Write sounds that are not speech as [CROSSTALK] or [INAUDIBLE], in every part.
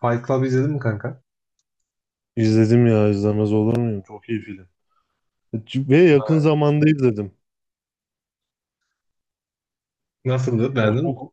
Fight Club izledin mi kanka? İzledim ya, izlemez olur muyum? Çok iyi film. Ve yakın Ha. zamanda izledim. Nasıldı? O Beğendin mi? çok,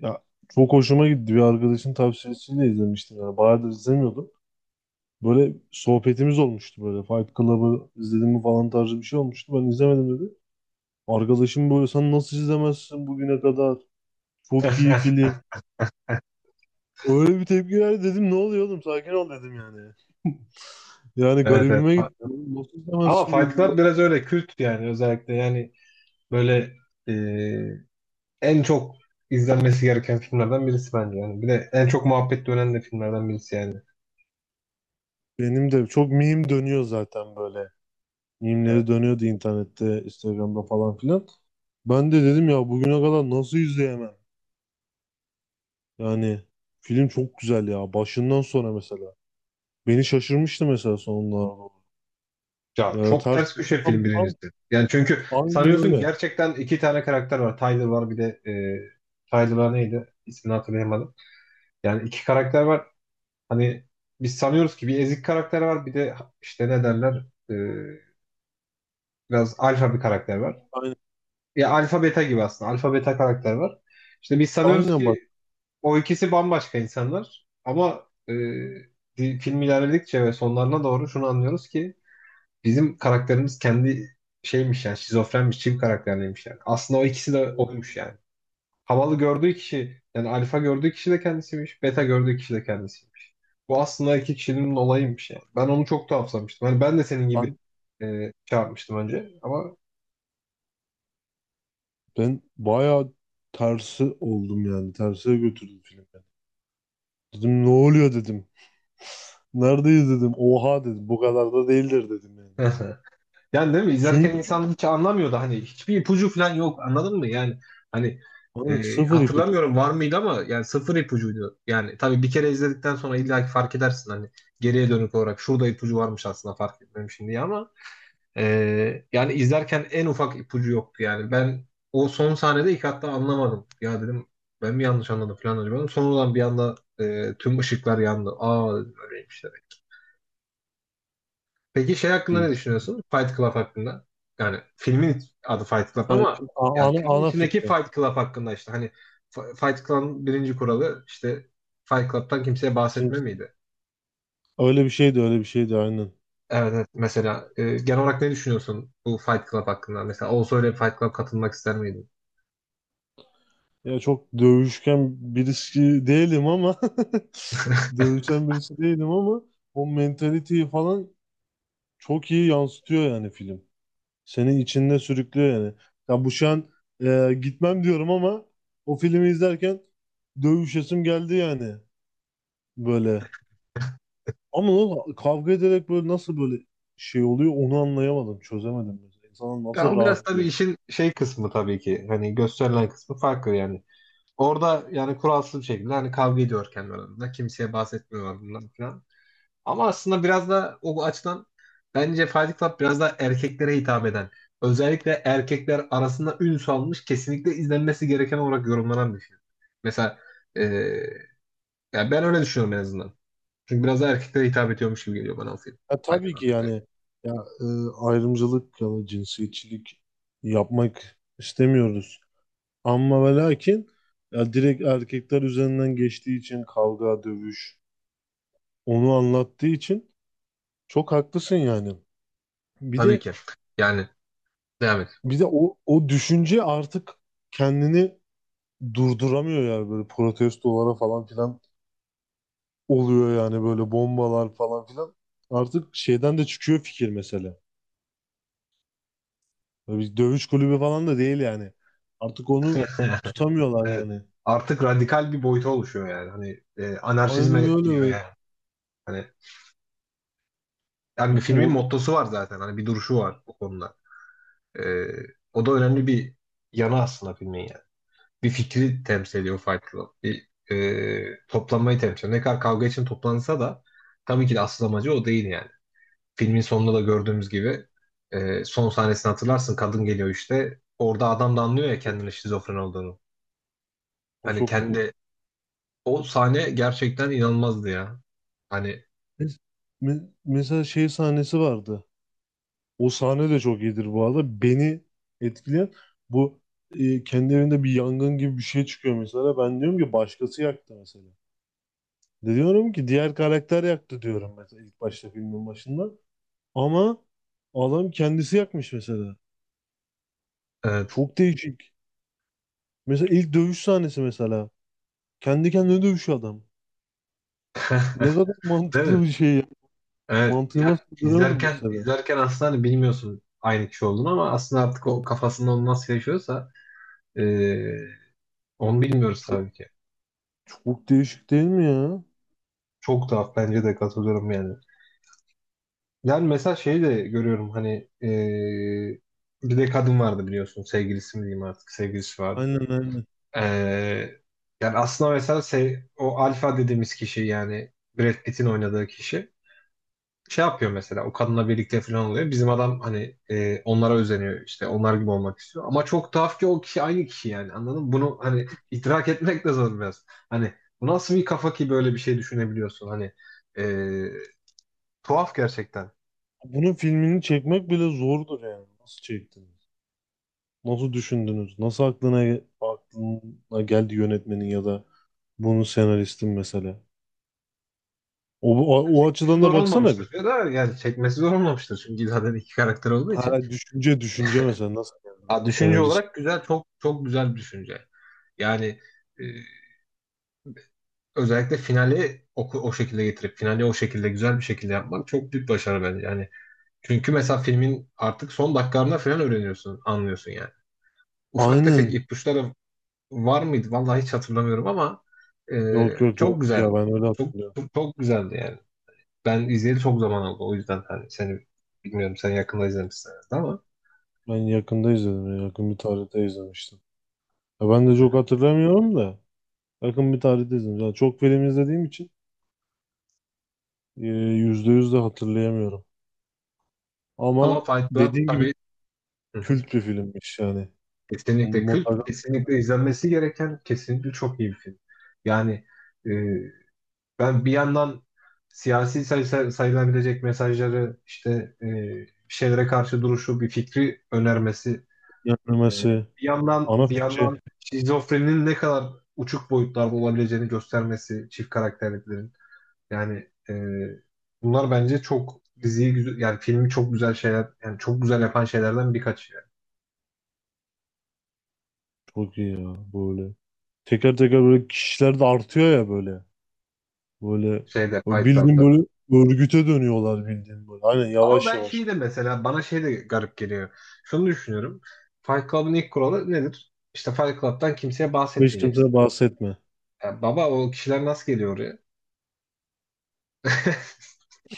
ya, çok hoşuma gitti. Bir arkadaşın tavsiyesiyle izlemiştim yani. Bayağıdır izlemiyordum. Böyle sohbetimiz olmuştu böyle. Fight Club'ı izledim mi falan tarzı bir şey olmuştu. Ben izlemedim dedi. Arkadaşım böyle, sen nasıl izlemezsin bugüne kadar? Çok iyi [LAUGHS] film. Öyle bir tepki verdi, dedim ne oluyor oğlum, sakin ol dedim yani. Yani Evet, evet. garibime gitti. Nasıl Ama izlemezsin Fight dedi. Club biraz öyle kült yani, özellikle yani böyle e, en çok izlenmesi gereken filmlerden birisi bence yani. Bir de en çok muhabbet dönen de filmlerden birisi yani. Benim de çok meme dönüyor zaten böyle. Mimleri Evet. dönüyordu internette, Instagram'da falan filan. Ben de dedim ya, bugüne kadar nasıl izleyemem? Yani film çok güzel ya. Başından sonra mesela. Beni şaşırmıştı mesela sonuna doğru. Ya Ya çok ters, ters köşe film tam, birincisi. Yani çünkü aynen sanıyorsun öyle. gerçekten iki tane karakter var. Tyler var bir de Tyler neydi? İsmini hatırlayamadım. Yani iki karakter var. Hani biz sanıyoruz ki bir ezik karakter var bir de işte ne derler, E, biraz alfa bir karakter var. Aynen, Ya alfa beta gibi aslında. Alfa beta karakter var. İşte biz sanıyoruz aynen bak. ki o ikisi bambaşka insanlar. Ama film ilerledikçe ve sonlarına doğru şunu anlıyoruz ki bizim karakterimiz kendi şeymiş yani, şizofrenmiş, çift karakterliymiş yani. Aslında o ikisi de oymuş yani. Havalı gördüğü kişi yani alfa gördüğü kişi de kendisiymiş. Beta gördüğü kişi de kendisiymiş. Bu aslında iki kişinin olayıymış yani. Ben onu çok tuhaflamıştım. Hani ben de senin gibi Ben, çarpmıştım önce ama ben bayağı tersi oldum yani. Terse götürdüm filmi. Dedim ne oluyor dedim. Neredeyiz dedim. Oha dedim. Bu kadar da değildir dedim yani. [LAUGHS] yani değil mi? İzlerken Çünkü insan hiç anlamıyordu. Hani hiçbir ipucu falan yok. Anladın mı? Yani hani bana sıfır ipucu hatırlamıyorum var mıydı ama yani sıfır ipucuydu. Yani tabii bir kere izledikten sonra illa ki fark edersin hani geriye dönük olarak şurada ipucu varmış aslında fark etmemişim diye ama yani izlerken en ufak ipucu yoktu yani. Ben o son sahnede ilk hatta anlamadım. Ya dedim ben mi yanlış anladım falan acaba. Sonradan bir anda tüm ışıklar yandı. Aa, böyleymiş. Peki şey hakkında diyor. ne düşünüyorsun? Fight Club hakkında. Yani filmin adı Fight Club Yani ama yani ana, filmin ana içindeki fikri. Fight Club hakkında işte hani Fight Club'ın birinci kuralı işte Fight Club'tan kimseye Şimdi bahsetme miydi? öyle bir şeydi aynen. Evet, evet. Mesela genel olarak ne düşünüyorsun bu Fight Club hakkında? Mesela olsa öyle bir Fight Club katılmak ister miydin? Ya çok dövüşken birisi değilim ama [LAUGHS] dövüşen birisi değilim ama o mentaliteyi falan çok iyi yansıtıyor yani film. Seni içinde sürüklüyor yani. Ya bu şu an gitmem diyorum ama o filmi izlerken dövüşesim geldi yani böyle. Ama o kavga ederek böyle nasıl böyle şey oluyor onu anlayamadım, çözemedim mesela. İnsanlar Ya nasıl o biraz tabii rahatlıyor? işin şey kısmı tabii ki. Hani gösterilen kısmı farklı yani. Orada yani kuralsız bir şekilde hani kavga ediyor kendi aralarında. Kimseye bahsetmiyorlar bundan falan. Ama aslında biraz da o açıdan bence Fight Club biraz daha erkeklere hitap eden, özellikle erkekler arasında ün salmış, kesinlikle izlenmesi gereken olarak yorumlanan bir film. Mesela e, yani ben öyle düşünüyorum en azından. Çünkü biraz daha erkeklere hitap ediyormuş gibi geliyor bana o film. Ya Fight tabii Club. ki Evet. yani, ya, e, ayrımcılık ya da cinsiyetçilik yapmak istemiyoruz. Ama ve lakin, ya, direkt erkekler üzerinden geçtiği için kavga, dövüş, onu anlattığı için çok haklısın yani. Bir Tabii de ki. Yani devam et. bir de o düşünce artık kendini durduramıyor yani, böyle protestolara falan filan oluyor yani, böyle bombalar falan filan. Artık şeyden de çıkıyor fikir mesela. Böyle bir dövüş kulübü falan da değil yani. Artık onu [LAUGHS] tutamıyorlar Evet. yani. Artık radikal bir boyuta oluşuyor yani. Hani Aynen anarşizme öyle gidiyor böyle. yani. Hani yani bir filmin O, mottosu var zaten. Hani bir duruşu var o konuda. Ee, o da önemli bir yanı aslında filmin yani. Bir fikri temsil ediyor Fight Club. Bir toplanmayı temsil ediyor. Ne kadar kavga için toplansa da tabii ki de asıl amacı o değil yani. Filmin sonunda da gördüğümüz gibi son sahnesini hatırlarsın. Kadın geliyor işte. Orada adam da anlıyor ya kendinin şizofren olduğunu. o Hani çok... kendi, o sahne gerçekten inanılmazdı ya. Hani Mes- Mesela şey sahnesi vardı. O sahne de çok iyidir bu arada. Beni etkileyen bu, kendi evinde bir yangın gibi bir şey çıkıyor mesela. Ben diyorum ki başkası yaktı mesela. De diyorum ki diğer karakter yaktı diyorum mesela, ilk başta filmin başında. Ama adam kendisi yakmış mesela. evet. Çok değişik. Mesela ilk dövüş sahnesi mesela. Kendi kendine dövüşüyor adam. Ne kadar [LAUGHS] Değil mi? mantıklı bir şey ya. Evet, ya Mantığıma sığdıramıyorum izlerken mesela. Aslında hani bilmiyorsun aynı kişi olduğunu ama aslında artık o kafasında onu nasıl yaşıyorsa, eee, onu bilmiyoruz Çok, tabii ki. çok değişik değil mi ya? Çok tuhaf, bence de katılıyorum yani. Yani mesela şeyi de görüyorum hani bir de kadın vardı biliyorsun, sevgilisi mi diyeyim artık, sevgilisi vardı. Aynen, aynen. Eee, yani aslında mesela o alfa dediğimiz kişi yani Brad Pitt'in oynadığı kişi, şey yapıyor mesela, o kadınla birlikte falan oluyor. Bizim adam hani onlara özeniyor, işte onlar gibi olmak istiyor. Ama çok tuhaf ki o kişi aynı kişi yani, anladın mı? Bunu hani idrak etmek de zor biraz. Hani bu nasıl bir kafa ki böyle bir şey düşünebiliyorsun hani, e, tuhaf gerçekten. Bunun filmini çekmek bile zordur yani. Nasıl çektiniz? Nasıl düşündünüz? Nasıl aklına geldi yönetmenin ya da bunun senaristin mesela? O açıdan da Zor baksana bir. olmamıştır ya da yani çekmesi zor olmamıştır çünkü zaten iki karakter olduğu için. Ha, düşünce mesela nasıl geldi? Ha, düşünce Senarist. olarak güzel, çok güzel bir düşünce. Yani e, özellikle finali o şekilde getirip finali o şekilde güzel bir şekilde yapmak çok büyük başarı bence. Yani çünkü mesela filmin artık son dakikalarında falan öğreniyorsun, anlıyorsun yani. Ufak tefek Aynen. ipuçları var mıydı? Vallahi hiç hatırlamıyorum ama e, Yok çok güzel. ya, ben öyle Çok, hatırlıyorum. Çok güzeldi yani. Ben izleyeli çok zaman oldu. O yüzden hani seni bilmiyorum, sen yakında izlemişsin herhalde ama. Ben yakında izledim ya. Yakın bir tarihte izlemiştim. Ya ben de Hı çok hı. hatırlamıyorum da yakın bir tarihte izledim. Yani çok film izlediğim için yüzde yüz de hatırlayamıyorum. Ama Ama Fight Club dediğim gibi tabii, hı hı, kült bir filmmiş yani. kesinlikle kült, Mutlaka kesinlikle izlenmesi gereken, kesinlikle çok iyi bir film. Yani e, ben bir yandan siyasi sayılabilecek mesajları, işte e, bir şeylere karşı duruşu, bir fikri önermesi, e, yenilemesi, bir yandan ana fikri şizofreninin ne kadar uçuk boyutlarda olabileceğini göstermesi, çift karakterliklerin. Yani bunlar bence çok diziyi güzel, yani filmi çok güzel şeyler, yani çok güzel yapan şeylerden birkaç yani. çok iyi ya böyle. Teker teker böyle kişiler de artıyor ya böyle. Böyle Şeyde, o Fight bildiğin Club'da. böyle örgüte dönüyorlar bildiğin böyle. Aynen, Ama yavaş ben şey yavaş. de mesela, bana şey de garip geliyor. Şunu düşünüyorum. Fight Club'ın ilk kuralı nedir? İşte Fight Club'tan kimseye Hiç bahsetmeyeceksin. kimseye bahsetme. Ya baba, o kişiler nasıl geliyor oraya?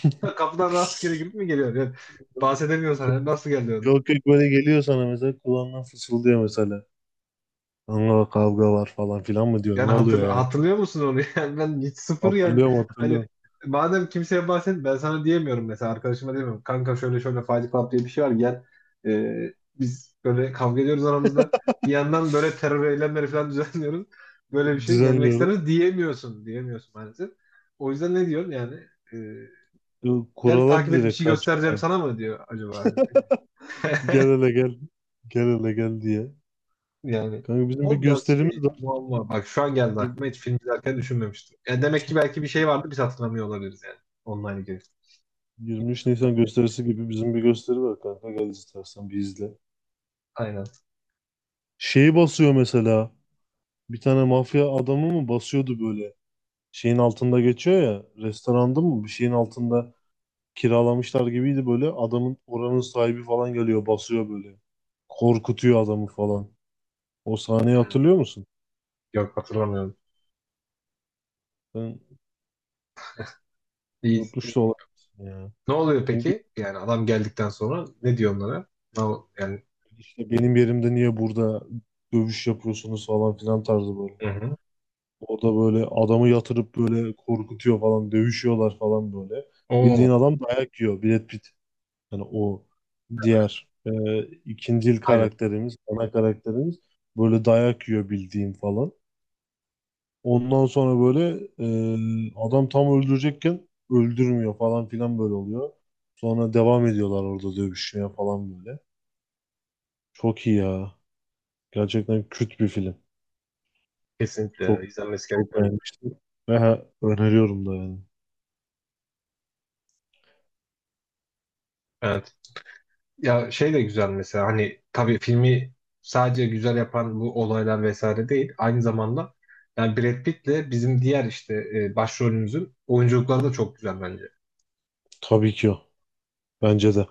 [LAUGHS] Kapıdan rastgele [LAUGHS] girip mi geliyor? Yani bahsedemiyorsan yani nasıl geliyor? Yok böyle geliyor sana mesela, kulağından fısıldıyor mesela. Kanka kavga var falan filan mı diyor. Ne Yani oluyor yani? hatırlıyor musun onu? [LAUGHS] Yani ben hiç sıfır yani. Hatırlıyorum Hani hatırlıyorum. madem kimseye bahset, ben sana diyemiyorum mesela, arkadaşıma diyemiyorum. Kanka şöyle şöyle Fight Club diye bir şey var, gel. Biz böyle kavga ediyoruz aramızda. Bir yandan böyle terör eylemleri falan [LAUGHS] düzenliyoruz. Böyle bir şey, gelmek ister Düzenliyoruz. misin? Diyemiyorsun. Diyemiyorsun maalesef. O yüzden ne diyorsun yani? Ee, gel Kurallar takip et bir direkt şey karşı göstereceğim çıkan. sana mı diyor acaba? Gel [LAUGHS] hele gel. Gel hele gel diye. Yani Kanka bizim bir o biraz şey, gösterimiz var. muamma. Bak şu an geldi Bir- aklıma, hiç film izlerken düşünmemiştim. Yani demek ki belki bir şey vardı, biz hatırlamıyor olabiliriz yani. Online girişte. 23 Nisan gösterisi gibi bizim bir gösteri var kanka. Gel istersen bir izle. Aynen. Şeyi basıyor mesela. Bir tane mafya adamı mı basıyordu böyle. Şeyin altında geçiyor ya. Restoranda mı? Bir şeyin altında kiralamışlar gibiydi böyle. Adamın oranın sahibi falan geliyor, basıyor böyle. Korkutuyor adamı falan. O sahneyi Hmm. hatırlıyor musun? Yok, hatırlamıyorum. Ben İyi, unutmuş da iyi. olabilirsin ya. Ne oluyor Çünkü peki? Yani adam geldikten sonra ne diyor onlara? Yani işte benim yerimde niye burada dövüş yapıyorsunuz falan filan tarzı böyle. hı hı. O da böyle adamı yatırıp böyle korkutuyor falan, dövüşüyorlar falan böyle. Oo, Bildiğin adam dayak yiyor. Brad Pitt. Yani o diğer, ikinci aynen. karakterimiz, ana karakterimiz böyle dayak yiyor bildiğim falan. Ondan sonra böyle, adam tam öldürecekken öldürmüyor falan filan böyle oluyor. Sonra devam ediyorlar orada dövüşmeye falan böyle. Çok iyi ya. Gerçekten küt bir film. Kesinlikle Çok, izlenmesi çok gereken. beğenmiştim. Ve öneriyorum da yani. Evet. Ya şey de güzel mesela, hani tabii filmi sadece güzel yapan bu olaylar vesaire değil. Aynı zamanda yani Brad Pitt'le bizim diğer işte başrolümüzün oyunculukları da çok güzel bence. Tabii ki o. Bence de.